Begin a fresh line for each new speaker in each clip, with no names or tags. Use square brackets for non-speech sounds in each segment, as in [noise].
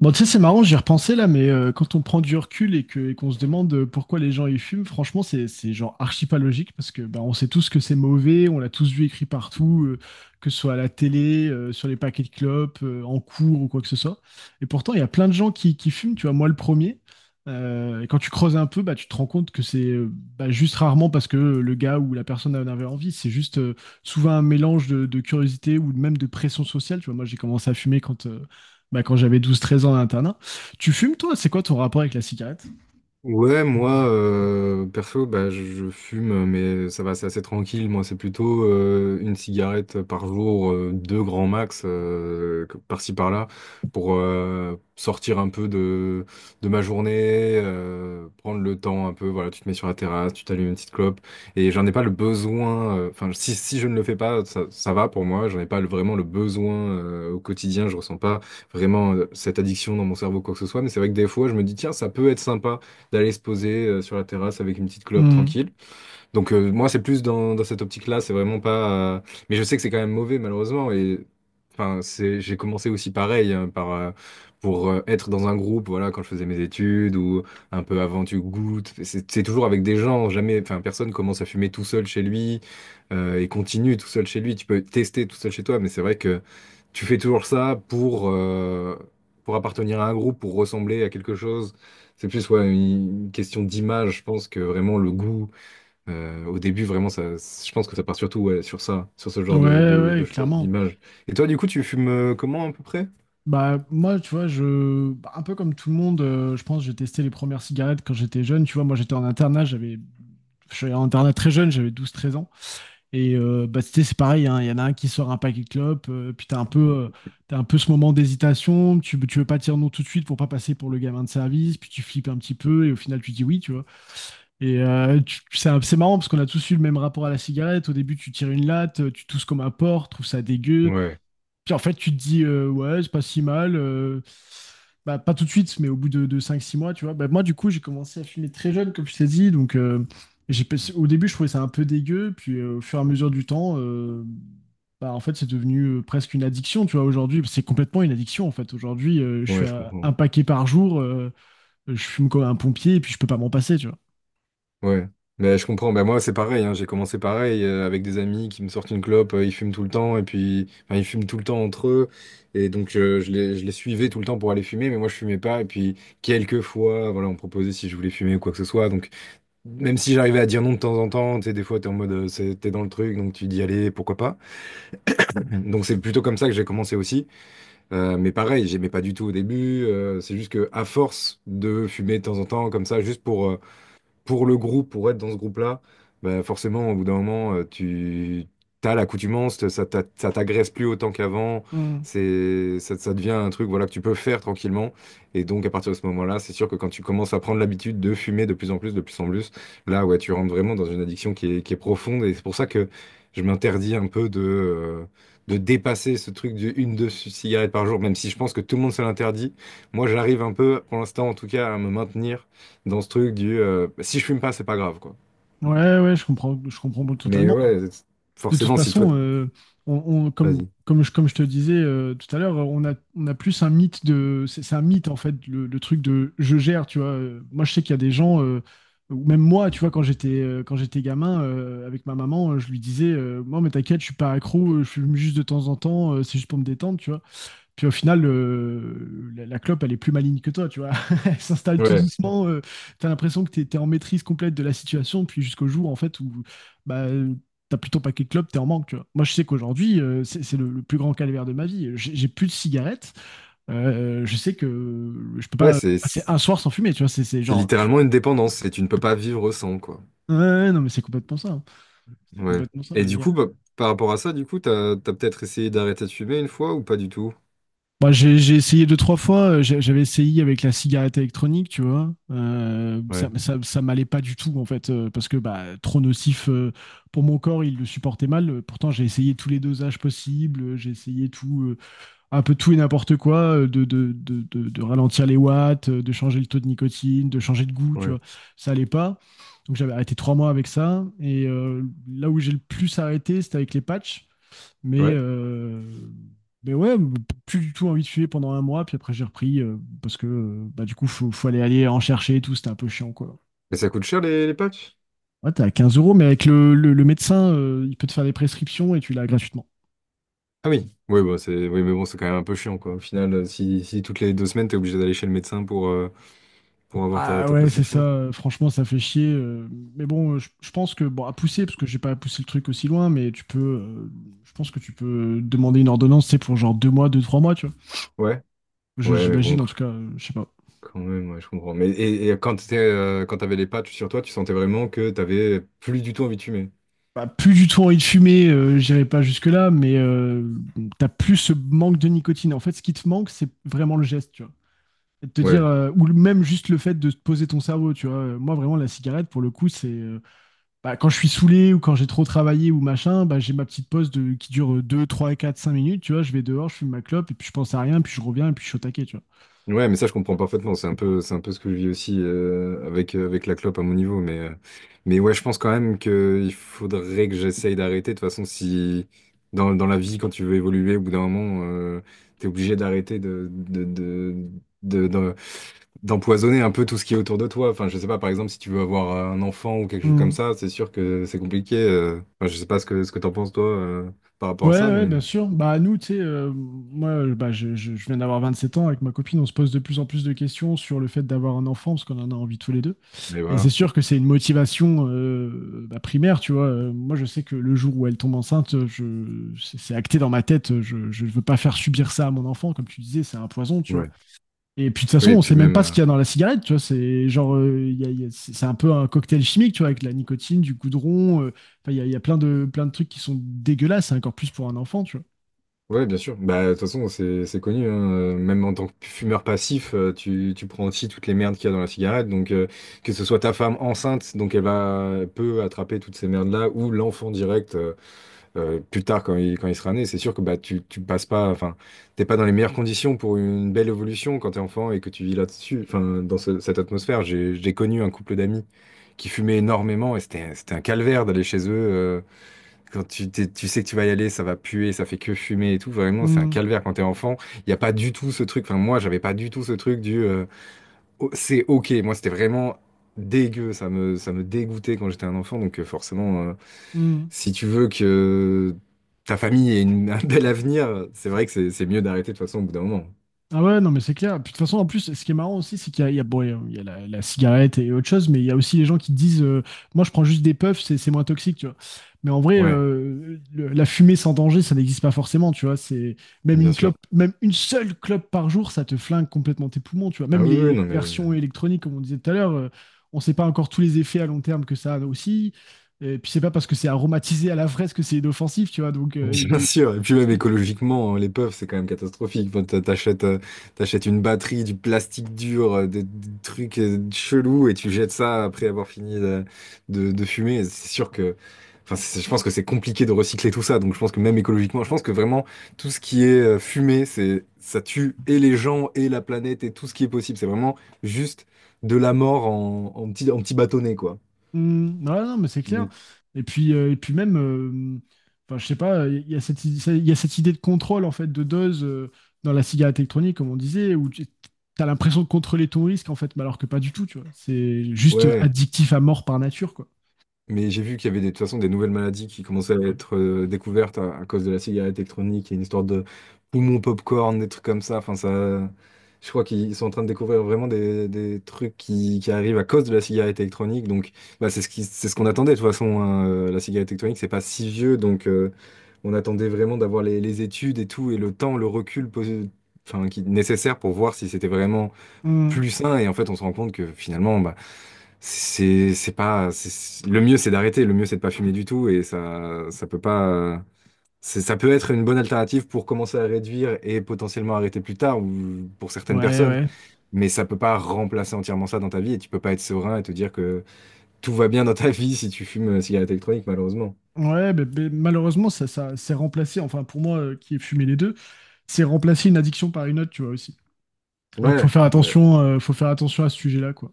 Bon, tu sais, c'est marrant, j'y ai repensé là, mais quand on prend du recul et qu'on se demande, pourquoi les gens y fument, franchement, c'est genre archi pas logique parce que bah, on sait tous que c'est mauvais, on l'a tous vu écrit partout, que ce soit à la télé, sur les paquets de clopes, en cours ou quoi que ce soit. Et pourtant, il y a plein de gens qui fument, tu vois, moi le premier. Et quand tu creuses un peu, bah, tu te rends compte que c'est juste rarement parce que le gars ou la personne en avait envie, c'est juste souvent un mélange de curiosité ou même de pression sociale. Tu vois, moi j'ai commencé à fumer quand j'avais 12 13 ans à l'internat. Tu fumes, toi? C'est quoi ton rapport avec la cigarette?
Ouais, moi, perso, bah, je fume, mais ça va, c'est assez tranquille. Moi, c'est plutôt une cigarette par jour, deux grands max, par-ci par-là, pour sortir un peu de ma journée, prendre le temps un peu. Voilà, tu te mets sur la terrasse, tu t'allumes une petite clope, et j'en ai pas le besoin. Enfin, si je ne le fais pas, ça va pour moi. J'en ai pas le- Vraiment le besoin au quotidien. Je ressens pas vraiment cette addiction dans mon cerveau, quoi que ce soit. Mais c'est vrai que des fois, je me dis, tiens, ça peut être sympa d'aller se poser sur la terrasse avec une petite clope
Hmm.
tranquille. Donc moi, c'est plus dans, dans cette optique-là, c'est vraiment pas... Mais je sais que c'est quand même mauvais, malheureusement. Et enfin, c'est, j'ai commencé aussi pareil, hein, pour être dans un groupe, voilà, quand je faisais mes études, ou un peu avant, tu goûtes. C'est toujours avec des gens, jamais... Enfin, personne commence à fumer tout seul chez lui, et continue tout seul chez lui. Tu peux tester tout seul chez toi, mais c'est vrai que tu fais toujours ça pour appartenir à un groupe, pour ressembler à quelque chose. C'est plus ouais, une question d'image, je pense que vraiment le goût. Au début, vraiment, ça, je pense que ça part surtout ouais, sur ça, sur ce
Ouais,
genre de
ouais,
choses,
clairement.
d'image. Et toi, du coup, tu fumes comment à peu près?
Bah, moi, tu vois, un peu comme tout le monde, je pense, que j'ai testé les premières cigarettes quand j'étais jeune. Tu vois, moi, j'étais en internat, j'avais, je suis allé en internat très jeune, j'avais douze treize ans. Et c'était, c'est pareil, hein, il y en a un qui sort un paquet de clopes, puis euh, t'as un peu ce moment d'hésitation, tu veux pas dire non tout de suite pour pas passer pour le gamin de service, puis tu flippes un petit peu, et au final, tu dis oui, tu vois. Et c'est marrant parce qu'on a tous eu le même rapport à la cigarette. Au début, tu tires une latte, tu tousses comme un porc, trouves ça dégueu.
Ouais,
Puis en fait, tu te dis, ouais, c'est pas si mal. Pas tout de suite, mais au bout de 5-6 mois, tu vois. Bah, moi, du coup, j'ai commencé à fumer très jeune, comme je t'ai dit. Donc, j'ai, pas- au début, je trouvais ça un peu dégueu. Puis au fur et à mesure du temps, bah, en fait, c'est devenu presque une addiction, tu vois. Aujourd'hui, c'est complètement une addiction, en fait. Aujourd'hui, je suis
ouais, je
à
comprends.
un paquet par jour. Je fume comme un pompier et puis je peux pas m'en passer, tu vois.
Ouais, mais je comprends. Ben moi, c'est pareil, hein. J'ai commencé pareil avec des amis qui me sortent une clope. Ils fument tout le temps et puis, enfin, ils fument tout le temps entre eux. Et donc, je les suivais tout le temps pour aller fumer, mais moi, je fumais pas. Et puis, quelques fois, voilà, on me proposait si je voulais fumer ou quoi que ce soit. Donc, même si j'arrivais à dire non de temps en temps, tu sais, des fois, t'es en mode, c'est- t'es dans le truc, donc tu dis allez, pourquoi pas. Donc c'est plutôt comme ça que j'ai commencé aussi. Mais pareil, j'aimais pas du tout au début. C'est juste que à force de fumer de temps en temps comme ça, juste pour le groupe, pour être dans ce groupe-là, bah, forcément, au bout d'un moment, tu as l'accoutumance, ça t'agresse plus autant qu'avant,
Hmm.
ça devient un truc voilà, que tu peux faire tranquillement. Et donc, à partir de ce moment-là, c'est sûr que quand tu commences à prendre l'habitude de fumer de plus en plus, de plus en plus, là, ouais, tu rentres vraiment dans une addiction qui est profonde. Et c'est pour ça que je m'interdis un peu de dépasser ce truc du une, deux cigarettes par jour, même si je pense que tout le monde se l'interdit. Moi, j'arrive un peu, pour l'instant en tout cas, à me maintenir dans ce truc du bah, si je fume pas, c'est pas grave, quoi.
Ouais, ouais, je comprends
Mais
totalement.
ouais,
De toute
forcément, si toi, t-
façon, on, on- comme,
vas-y.
comme je te disais tout à l'heure, on a plus un mythe de. C'est un mythe, en fait, le truc de je gère, tu vois. Moi, je sais qu'il y a des gens, ou même moi, tu vois, quand j'étais gamin, avec ma maman, je lui disais, moi, mais t'inquiète, je suis pas accro, je fume juste de temps en temps, c'est juste pour me détendre, tu vois. Puis au final, la clope, elle est plus maligne que toi, tu vois. [laughs] Elle s'installe tout
Ouais,
doucement. T'as l'impression que t'es en maîtrise complète de la situation, puis jusqu'au jour, en fait, où bah, t'as plutôt paquet de clopes, t'es en manque, tu vois. Moi, je sais qu'aujourd'hui, le plus grand calvaire de ma vie. J'ai plus de cigarettes. Je sais que je peux
ouais,
pas
c'est
passer
c'est
un soir sans fumer, tu vois. C'est genre...
littéralement une dépendance et tu ne peux pas vivre sans, quoi.
Ouais, ouais, non, mais c'est complètement ça, hein. C'est
Ouais.
complètement ça.
Et du coup, bah, par rapport à ça, du coup, t'as peut-être essayé d'arrêter de fumer une fois ou pas du tout?
Bah, j'ai essayé deux, trois fois. J'avais essayé avec la cigarette électronique, tu vois.
Ouais,
Ça m'allait pas du tout, en fait, parce que bah, trop nocif, pour mon corps, il le supportait mal. Pourtant, j'ai essayé tous les dosages possibles. J'ai essayé tout, un peu tout et n'importe quoi, de ralentir les watts, de changer le taux de nicotine, de changer de goût, tu
ouais,
vois. Ça allait pas. Donc, j'avais arrêté 3 mois avec ça. Et là où j'ai le plus arrêté, c'était avec les patchs. Mais,
ouais.
euh, mais ouais, plus du tout envie de fumer pendant 1 mois, puis après j'ai repris parce que bah, du coup, faut aller, aller en chercher et tout, c'était un peu chiant quoi.
Mais ça coûte cher les patchs?
Ouais, t'es à 15 euros, mais avec le médecin, il peut te faire des prescriptions et tu l'as gratuitement.
Ah oui, oui, bah, oui, mais bon, c'est quand même un peu chiant, quoi. Au final, si, si toutes les deux semaines, t'es obligé d'aller chez le médecin pour avoir
Ah
ta
ouais, c'est ça,
prescription.
franchement, ça fait chier. Mais bon, je pense que, bon, à pousser, parce que j'ai pas poussé le truc aussi loin, mais je pense que tu peux demander une ordonnance, c'est pour genre 2 mois, deux, 3 mois, tu vois.
Ouais, ouais, mais bon.
J'imagine, en tout cas, je sais pas.
Quand même, ouais, je comprends. Mais et quand quand t'avais les patchs sur toi, tu sentais vraiment que t'avais plus du tout envie de fumer.
Bah, plus du tout envie de fumer, j'irai pas jusque-là, mais t'as plus ce manque de nicotine. En fait, ce qui te manque, c'est vraiment le geste, tu vois. Et de te dire,
Ouais.
même juste le fait de te poser ton cerveau, tu vois. Moi, vraiment, la cigarette, pour le coup, c'est bah, quand je suis saoulé ou quand j'ai trop travaillé ou machin, bah, j'ai ma petite pause de, qui dure 2 3 4 5 minutes, tu vois. Je vais dehors, je fume ma clope, et puis je pense à rien, puis je reviens, et puis je suis au taquet, tu
Ouais, mais ça, je comprends parfaitement. C'est un peu ce que je vis aussi avec, avec la clope à mon niveau. Mais ouais, je pense quand même qu'il faudrait que j'essaye d'arrêter. De toute façon, si dans, dans la vie, quand tu veux évoluer, au bout d'un moment, t'es obligé d'arrêter de, de- d'empoisonner un peu tout ce qui est autour de toi. Enfin, je sais pas, par exemple, si tu veux avoir un enfant ou quelque chose comme
vois.
ça, c'est sûr que c'est compliqué. Enfin, je sais pas ce que t'en penses toi par rapport à
Ouais,
ça,
ouais, bien sûr. Bah, nous, tu sais, moi, bah, je viens d'avoir 27 ans. Avec ma copine, on se pose de plus en plus de questions sur le fait d'avoir un enfant, parce qu'on en a envie tous les deux.
mais
Et c'est
voilà.
sûr que c'est une motivation, bah, primaire, tu vois. Moi, je sais que le jour où elle tombe enceinte, c'est acté dans ma tête. Je ne veux pas faire subir ça à mon enfant. Comme tu disais, c'est un poison, tu vois.
Ouais.
Et puis de toute façon,
Oui, et
on
puis
sait même
même.
pas ce qu'il y a dans la cigarette, tu vois. C'est genre, il y a- c'est un peu un cocktail chimique, tu vois, avec de la nicotine, du goudron. Enfin, il y a plein plein de trucs qui sont dégueulasses, et encore plus pour un enfant, tu vois.
Ouais, bien sûr. Bah, de toute façon, c'est connu, hein. Même en tant que fumeur passif, tu prends aussi toutes les merdes qu'il y a dans la cigarette. Donc, que ce soit ta femme enceinte, donc elle peut attraper toutes ces merdes-là, ou l'enfant direct. Plus tard quand il sera né, c'est sûr que bah, tu passes pas, enfin, t'es pas dans les meilleures conditions pour une belle évolution quand t'es enfant et que tu vis là-dessus, enfin, cette atmosphère. J'ai connu un couple d'amis qui fumaient énormément et c'était un calvaire d'aller chez eux. Quand tu sais que tu vas y aller, ça va puer, ça fait que fumer et tout. Vraiment, c'est un
Hmm,
calvaire quand t'es enfant. Il n'y a pas du tout ce truc, enfin, moi, j'avais pas du tout ce truc du Oh, c'est ok. Moi, c'était vraiment dégueu, ça me dégoûtait quand j'étais un enfant, donc forcément.
hmm.
Si tu veux que ta famille ait une- [laughs] un bel avenir, c'est vrai que c'est mieux d'arrêter de toute façon au bout d'un moment.
Ah ouais, non, mais c'est clair. Puis de toute façon, en plus, ce qui est marrant aussi, c'est qu'il y a, il y a- bon, il y a la cigarette et autre chose, mais il y a aussi les gens qui disent, moi, je prends juste des puffs, c'est moins toxique, tu vois. Mais en vrai,
Ouais,
la fumée sans danger, ça n'existe pas forcément, tu vois. C'est même
bien
une clope,
sûr.
même une seule clope par jour, ça te flingue complètement tes poumons, tu vois.
Ah
Même
oui, oui,
les
non mais
versions électroniques, comme on disait tout à l'heure, on ne sait pas encore tous les effets à long terme que ça a aussi. Et puis, c'est pas parce que c'est aromatisé à la fraise que c'est inoffensif, tu vois. Donc,
bien sûr, et puis même écologiquement, hein, les puffs, c'est quand même catastrophique. Enfin, t'achètes, t'achètes une batterie, du plastique dur, des trucs chelous, et tu jettes ça après avoir fini de fumer. C'est sûr que, enfin, je pense que c'est compliqué de recycler tout ça. Donc, je pense que même écologiquement, je pense que vraiment tout ce qui est fumé, c'est, ça tue et les gens et la planète et tout ce qui est possible. C'est vraiment juste de la mort en, en petit bâtonnet, quoi.
hmm, ouais, non, mais c'est clair.
Donc,
Et puis, même, enfin, je sais pas, il y a cette, il y a cette idée de contrôle en fait de dose, dans la cigarette électronique, comme on disait, où tu as l'impression de contrôler ton risque en fait, mais alors que pas du tout, tu vois. C'est juste
ouais.
addictif à mort par nature, quoi.
Mais j'ai vu qu'il y avait des, de toute façon des nouvelles maladies qui commençaient à être découvertes à cause de la cigarette électronique et une histoire de poumon popcorn, des trucs comme ça. Enfin, ça, je crois qu'ils sont en train de découvrir vraiment des trucs qui arrivent à cause de la cigarette électronique. Donc, bah, c'est ce qu'on attendait de toute façon, hein. La cigarette électronique, c'est pas si vieux, donc on attendait vraiment d'avoir les études et tout et le temps, enfin, qui, nécessaire pour voir si c'était vraiment
Hmm.
plus sain. Et en fait, on se rend compte que finalement, bah, c'est pas c'est- le mieux c'est d'arrêter, le mieux c'est de pas fumer du tout et ça ça peut pas c'est- ça peut être une bonne alternative pour commencer à réduire et potentiellement arrêter plus tard ou pour certaines
Ouais,
personnes,
ouais.
mais ça peut pas remplacer entièrement ça dans ta vie et tu peux pas être serein et te dire que tout va bien dans ta vie si tu fumes une cigarette électronique malheureusement.
Ouais, mais malheureusement, ça c'est remplacé, enfin pour moi qui ai fumé les deux, c'est remplacé une addiction par une autre, tu vois aussi. Donc
Ouais, mais-
faut faire attention à ce sujet-là, quoi.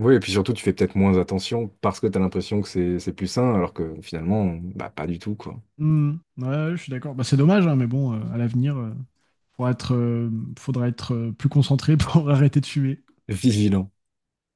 Oui, et puis surtout tu fais peut-être moins attention parce que tu as l'impression que c'est plus sain alors que finalement bah pas du tout quoi.
Hmm. Ouais, je suis d'accord. Bah, c'est dommage, hein, mais bon, à l'avenir. Pour être, euh, Faudra être plus concentré [laughs] pour arrêter de fumer.
Vigilant.